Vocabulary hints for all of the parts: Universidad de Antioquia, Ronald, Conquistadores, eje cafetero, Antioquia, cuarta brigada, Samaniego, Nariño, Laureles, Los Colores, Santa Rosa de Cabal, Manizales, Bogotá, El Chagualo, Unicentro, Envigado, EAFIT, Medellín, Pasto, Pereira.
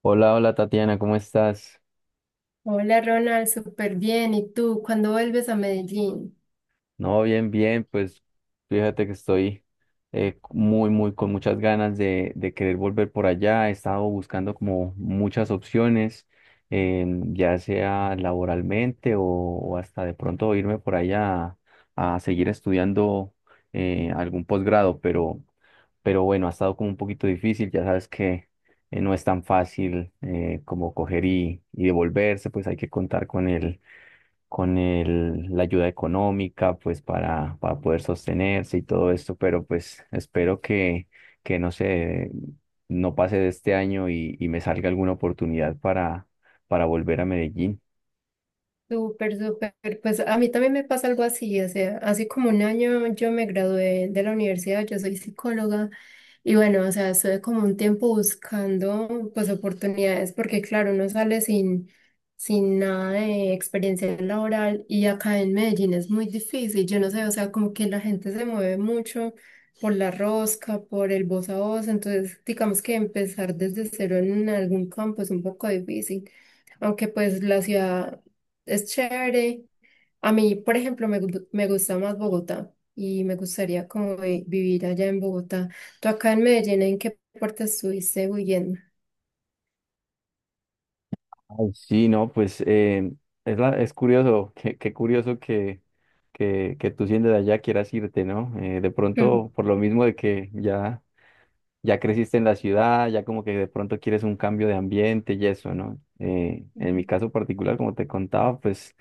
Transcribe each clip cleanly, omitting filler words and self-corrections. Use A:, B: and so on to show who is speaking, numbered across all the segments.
A: Hola, hola Tatiana, ¿cómo estás?
B: Hola Ronald, súper bien. ¿Y tú? ¿Cuándo vuelves a Medellín?
A: No, bien, bien, pues fíjate que estoy muy, muy, con muchas ganas de querer volver por allá. He estado buscando como muchas opciones, ya sea laboralmente o hasta de pronto irme por allá a seguir estudiando algún posgrado, pero bueno, ha estado como un poquito difícil, ya sabes que no es tan fácil como coger y devolverse, pues hay que contar con el con la ayuda económica, pues para poder sostenerse y todo esto, pero pues espero que no sé, no pase de este año y me salga alguna oportunidad para volver a Medellín.
B: Súper, súper. Pues a mí también me pasa algo así, o sea, hace como un año yo me gradué de la universidad, yo soy psicóloga. Y bueno, o sea, estuve como un tiempo buscando pues oportunidades porque claro, uno sale sin nada de experiencia laboral y acá en Medellín es muy difícil. Yo no sé, o sea, como que la gente se mueve mucho por la rosca, por el voz a voz, entonces digamos que empezar desde cero en algún campo es un poco difícil. Aunque pues la ciudad es chévere a mí, por ejemplo, me gusta más Bogotá y me gustaría como vivir allá en Bogotá. ¿Tú acá en Medellín, en qué parte estuviste huyendo?
A: Ay, sí, no, pues es, es curioso, qué, qué curioso que, que tú siendo de allá quieras irte, ¿no? De pronto,
B: Mm,
A: por lo mismo de que ya... ya creciste en la ciudad, ya como que de pronto quieres un cambio de ambiente y eso, ¿no? En
B: Ujú.
A: mi caso particular, como te contaba, pues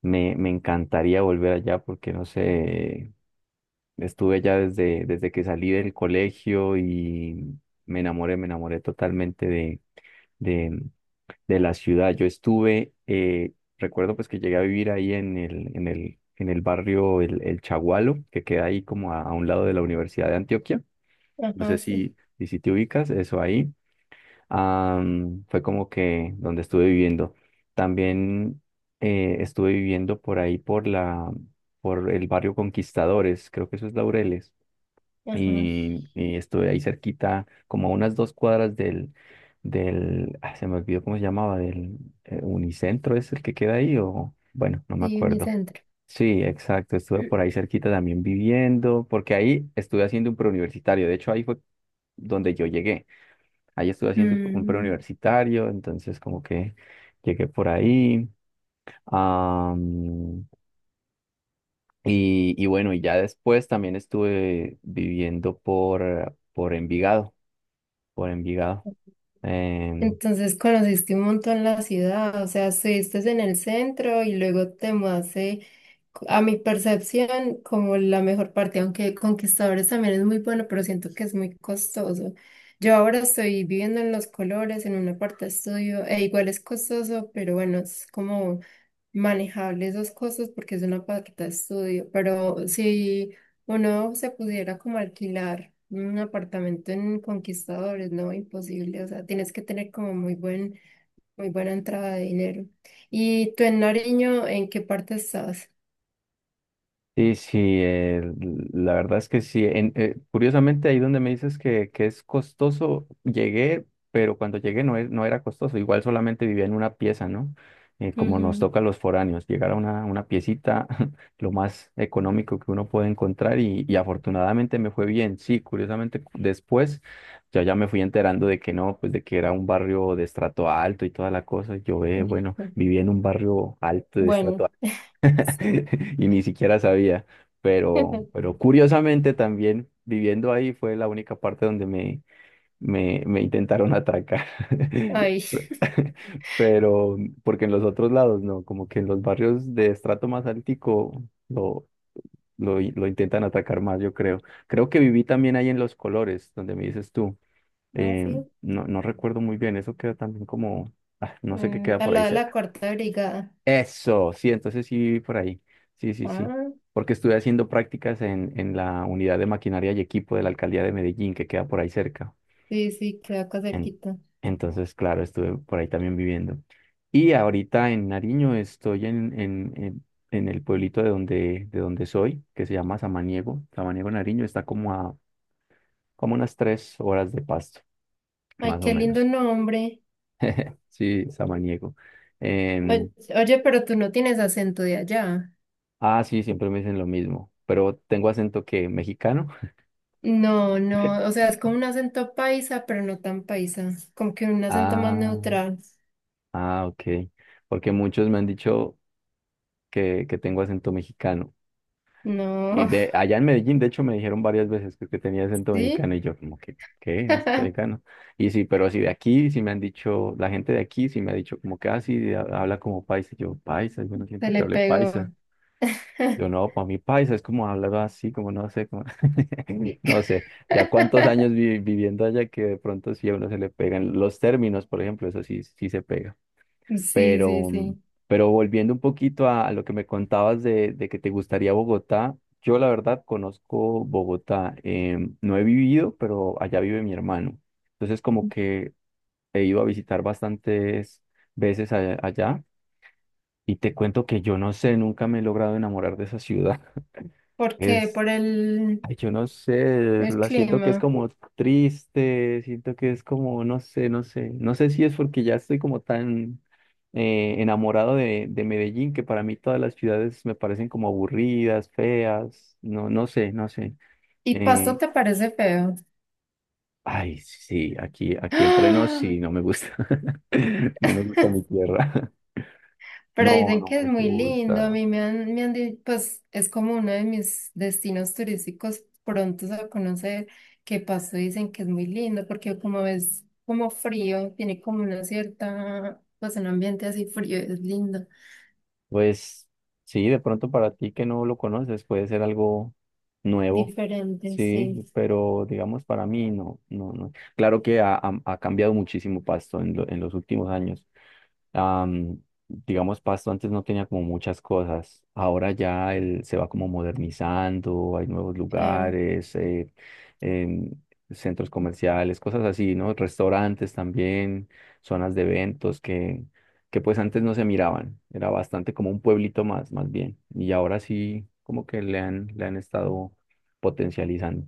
A: me encantaría volver allá porque, no sé, estuve allá desde, desde que salí del colegio y me enamoré totalmente de, de la ciudad. Yo estuve, recuerdo pues que llegué a vivir ahí en el, en el, en el barrio El Chagualo, que queda ahí como a un lado de la Universidad de Antioquia. No
B: Ajá,
A: sé
B: sí.
A: si, y si te ubicas, eso ahí. Fue como que donde estuve viviendo. También estuve viviendo por ahí por la, por el barrio Conquistadores, creo que eso es Laureles.
B: Ajá,
A: Y estuve ahí cerquita, como a unas dos cuadras del, del, ah, se me olvidó cómo se llamaba, del Unicentro, es el que queda ahí, o bueno, no me
B: sí, mi
A: acuerdo.
B: centro.
A: Sí, exacto, estuve por ahí cerquita también viviendo, porque ahí estuve haciendo un preuniversitario, de hecho ahí fue donde yo llegué. Ahí estuve haciendo un
B: Mm,
A: preuniversitario, entonces como que llegué por ahí. Am, y bueno, y ya después también estuve viviendo por Envigado, por Envigado. em,
B: Entonces conociste un montón la ciudad, o sea, estuviste en el centro y luego te mudaste, a mi percepción, como la mejor parte, aunque Conquistadores también es muy bueno, pero siento que es muy costoso. Yo ahora estoy viviendo en Los Colores, en una parte estudio, e igual es costoso, pero bueno, es como manejable esos costos porque es una paqueta de estudio, pero si uno se pudiera como alquilar un apartamento en Conquistadores, no, imposible, o sea, tienes que tener como muy buen, muy buena entrada de dinero. ¿Y tú en Nariño, en qué parte estás?
A: Sí, sí, la verdad es que sí. Curiosamente, ahí donde me dices que es costoso, llegué, pero cuando llegué no, no era costoso. Igual solamente vivía en una pieza, ¿no? Como nos
B: Ujú.
A: toca a los foráneos, llegar a una piecita, lo más económico que uno puede encontrar y afortunadamente me fue bien. Sí, curiosamente después ya, ya me fui enterando de que no, pues de que era un barrio de estrato alto y toda la cosa. Yo, bueno,
B: Ujú.
A: viví en un barrio alto de estrato
B: Bueno, sí.
A: y ni siquiera sabía, pero curiosamente también viviendo ahí fue la única parte donde me intentaron atracar.
B: Ay,
A: Pero, porque en los otros lados no, como que en los barrios de estrato más altico lo, lo intentan atacar más, yo creo. Creo que viví también ahí en Los Colores, donde me dices tú.
B: ah, sí.
A: No, no recuerdo muy bien, eso queda también como, ah, no sé qué queda
B: Al
A: por ahí
B: lado de la cuarta brigada.
A: eso, sí, entonces sí viví por ahí. Sí, sí, sí.
B: Ah,
A: Porque estuve haciendo prácticas en la unidad de maquinaria y equipo de la alcaldía de Medellín, que queda por ahí cerca.
B: sí, sí, queda acá
A: En-
B: cerquita.
A: entonces, claro, estuve por ahí también viviendo. Y ahorita en Nariño estoy en el pueblito de donde soy, que se llama Samaniego. Samaniego Nariño está como a como unas tres horas de Pasto,
B: Ay,
A: más o
B: qué lindo
A: menos.
B: nombre.
A: Sí, Samaniego. Em,
B: Oye, pero tú no tienes acento de allá.
A: ah, sí, siempre me dicen lo mismo, pero tengo acento que mexicano.
B: No, no, o sea, es como un acento paisa, pero no tan paisa, como que un acento más
A: Ah,
B: neutral.
A: ah, ok. Porque muchos me han dicho que tengo acento mexicano. Y
B: No,
A: de allá en Medellín, de hecho, me dijeron varias veces que tenía acento
B: ¿sí?
A: mexicano y yo como que, ¿qué? ¿Acento
B: Se
A: mexicano? Y sí, pero sí de aquí, sí me han dicho, la gente de aquí sí me ha dicho como que, ah, sí, habla como paisa. Y yo, paisa, yo no siento que
B: le
A: hable
B: pegó.
A: paisa. Yo no, para mí paisa es como hablar así, como no sé, como... no sé. Ya cuántos años viviendo allá que de pronto sí a uno se le pegan los términos, por ejemplo, eso sí, sí se pega.
B: Sí, sí,
A: Pero,
B: sí.
A: pero volviendo un poquito a lo que me contabas de que te gustaría Bogotá, yo la verdad conozco Bogotá. No he vivido, pero allá vive mi hermano. Entonces como que he ido a visitar bastantes veces allá y te cuento que yo no sé, nunca me he logrado enamorar de esa ciudad.
B: ¿Por qué?
A: Es
B: Por
A: ay, yo no sé,
B: el
A: la siento que es
B: clima.
A: como triste, siento que es como, no sé, no sé, no sé si es porque ya estoy como tan enamorado de Medellín que para mí todas las ciudades me parecen como aburridas, feas, no, no sé, no sé.
B: ¿Y Pasto
A: Eh,
B: te parece feo?
A: ay, sí, aquí, aquí entre nos sí, no me gusta, no me gusta mi tierra,
B: Pero
A: no,
B: dicen
A: no
B: que es
A: me
B: muy lindo, a
A: gusta.
B: mí me han, pues es como uno de mis destinos turísticos prontos a conocer, que Pasto dicen que es muy lindo, porque como es como frío, tiene como una cierta, pues un ambiente así frío, es lindo,
A: Pues sí, de pronto para ti que no lo conoces puede ser algo nuevo,
B: diferente,
A: sí,
B: sí,
A: pero digamos para mí no, no, no. Claro que ha, ha cambiado muchísimo Pasto en, en los últimos años. Am, digamos, Pasto antes no tenía como muchas cosas. Ahora ya él se va como modernizando, hay nuevos
B: claro.
A: lugares, em, centros comerciales, cosas así, ¿no? Restaurantes también, zonas de eventos que pues antes no se miraban. Era bastante como un pueblito más, más bien. Y ahora sí, como que le han estado potencializando.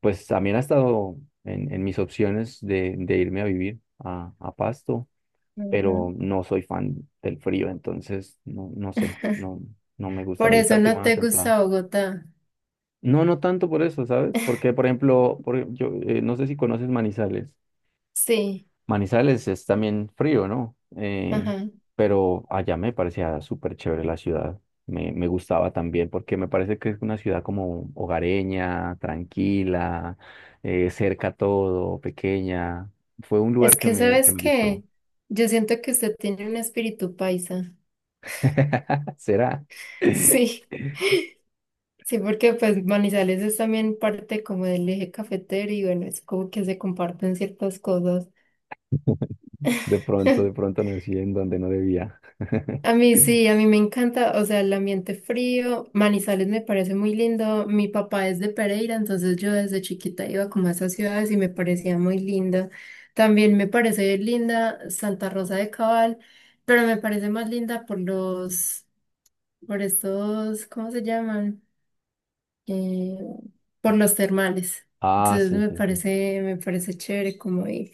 A: Pues también ha estado en mis opciones de irme a vivir a Pasto pero
B: Ujú.
A: no soy fan del frío, entonces no, no sé, no, no me gusta,
B: Por
A: me gusta
B: eso
A: el
B: no
A: clima
B: te
A: templado.
B: gusta Bogotá.
A: No, no tanto por eso, ¿sabes? Porque, por ejemplo, yo, no sé si conoces Manizales.
B: Sí,
A: Manizales es también frío, ¿no?
B: ajá.
A: Pero allá me parecía súper chévere la ciudad. Me gustaba también porque me parece que es una ciudad como hogareña, tranquila, cerca todo, pequeña. Fue un lugar
B: Es que
A: que
B: sabes
A: me gustó.
B: que yo siento que usted tiene un espíritu paisa.
A: ¿Será?
B: Sí. Sí, porque pues Manizales es también parte como del eje cafetero y bueno, es como que se comparten ciertas cosas.
A: De pronto nací en donde no debía.
B: A mí sí, a mí me encanta, o sea, el ambiente frío, Manizales me parece muy lindo. Mi papá es de Pereira, entonces yo desde chiquita iba como a esas ciudades y me parecía muy linda. También me parece linda Santa Rosa de Cabal, pero me parece más linda por los, por estos, ¿cómo se llaman? Eh, por los termales.
A: Ah,
B: Entonces
A: sí, sí, sí.
B: me parece chévere como ir.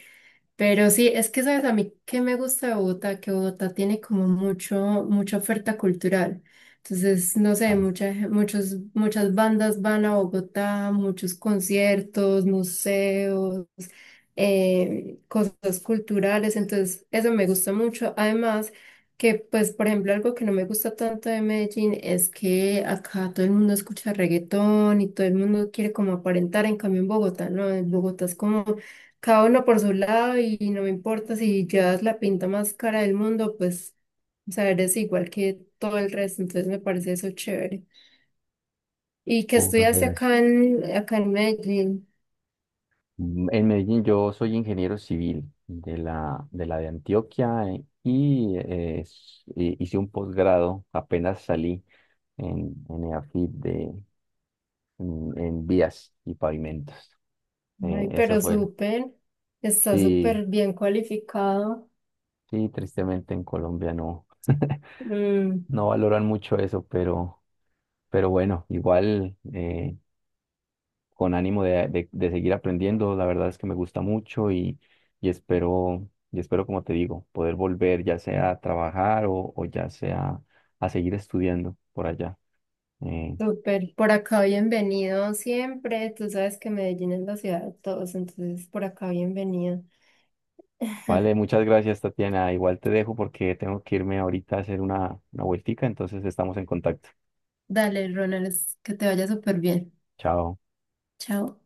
B: Pero sí, es que sabes a mí que me gusta de Bogotá, que Bogotá tiene como mucho, mucha oferta cultural. Entonces, no sé,
A: Ah,
B: muchas, muchos, muchas bandas van a Bogotá, muchos conciertos, museos, cosas culturales. Entonces, eso me gusta mucho. Además, que pues, por ejemplo, algo que no me gusta tanto de Medellín es que acá todo el mundo escucha reggaetón y todo el mundo quiere como aparentar, en cambio en Bogotá, ¿no? En Bogotá es como cada uno por su lado y no me importa si llevas la pinta más cara del mundo, pues, o sea, eres igual que todo el resto, entonces me parece eso chévere. Y que estudiaste acá
A: pues,
B: en, acá en Medellín,
A: en Medellín yo soy ingeniero civil de la de, la de Antioquia y hice un posgrado, apenas salí en EAFIT de, en vías y pavimentos.
B: ay,
A: Eso
B: pero
A: fue.
B: súper, está
A: Sí,
B: súper bien cualificado.
A: sí, tristemente en Colombia no,
B: Mm.
A: no valoran mucho eso, pero bueno, igual. Con ánimo de, de seguir aprendiendo. La verdad es que me gusta mucho y espero, como te digo, poder volver ya sea a trabajar o ya sea a seguir estudiando por allá. Eh,
B: Súper, por acá bienvenido siempre. Tú sabes que Medellín es la ciudad de todos, entonces por acá bienvenido.
A: vale, muchas gracias, Tatiana. Igual te dejo porque tengo que irme ahorita a hacer una vueltica, entonces estamos en contacto.
B: Dale, Ronald, que te vaya súper bien.
A: Chao.
B: Chao.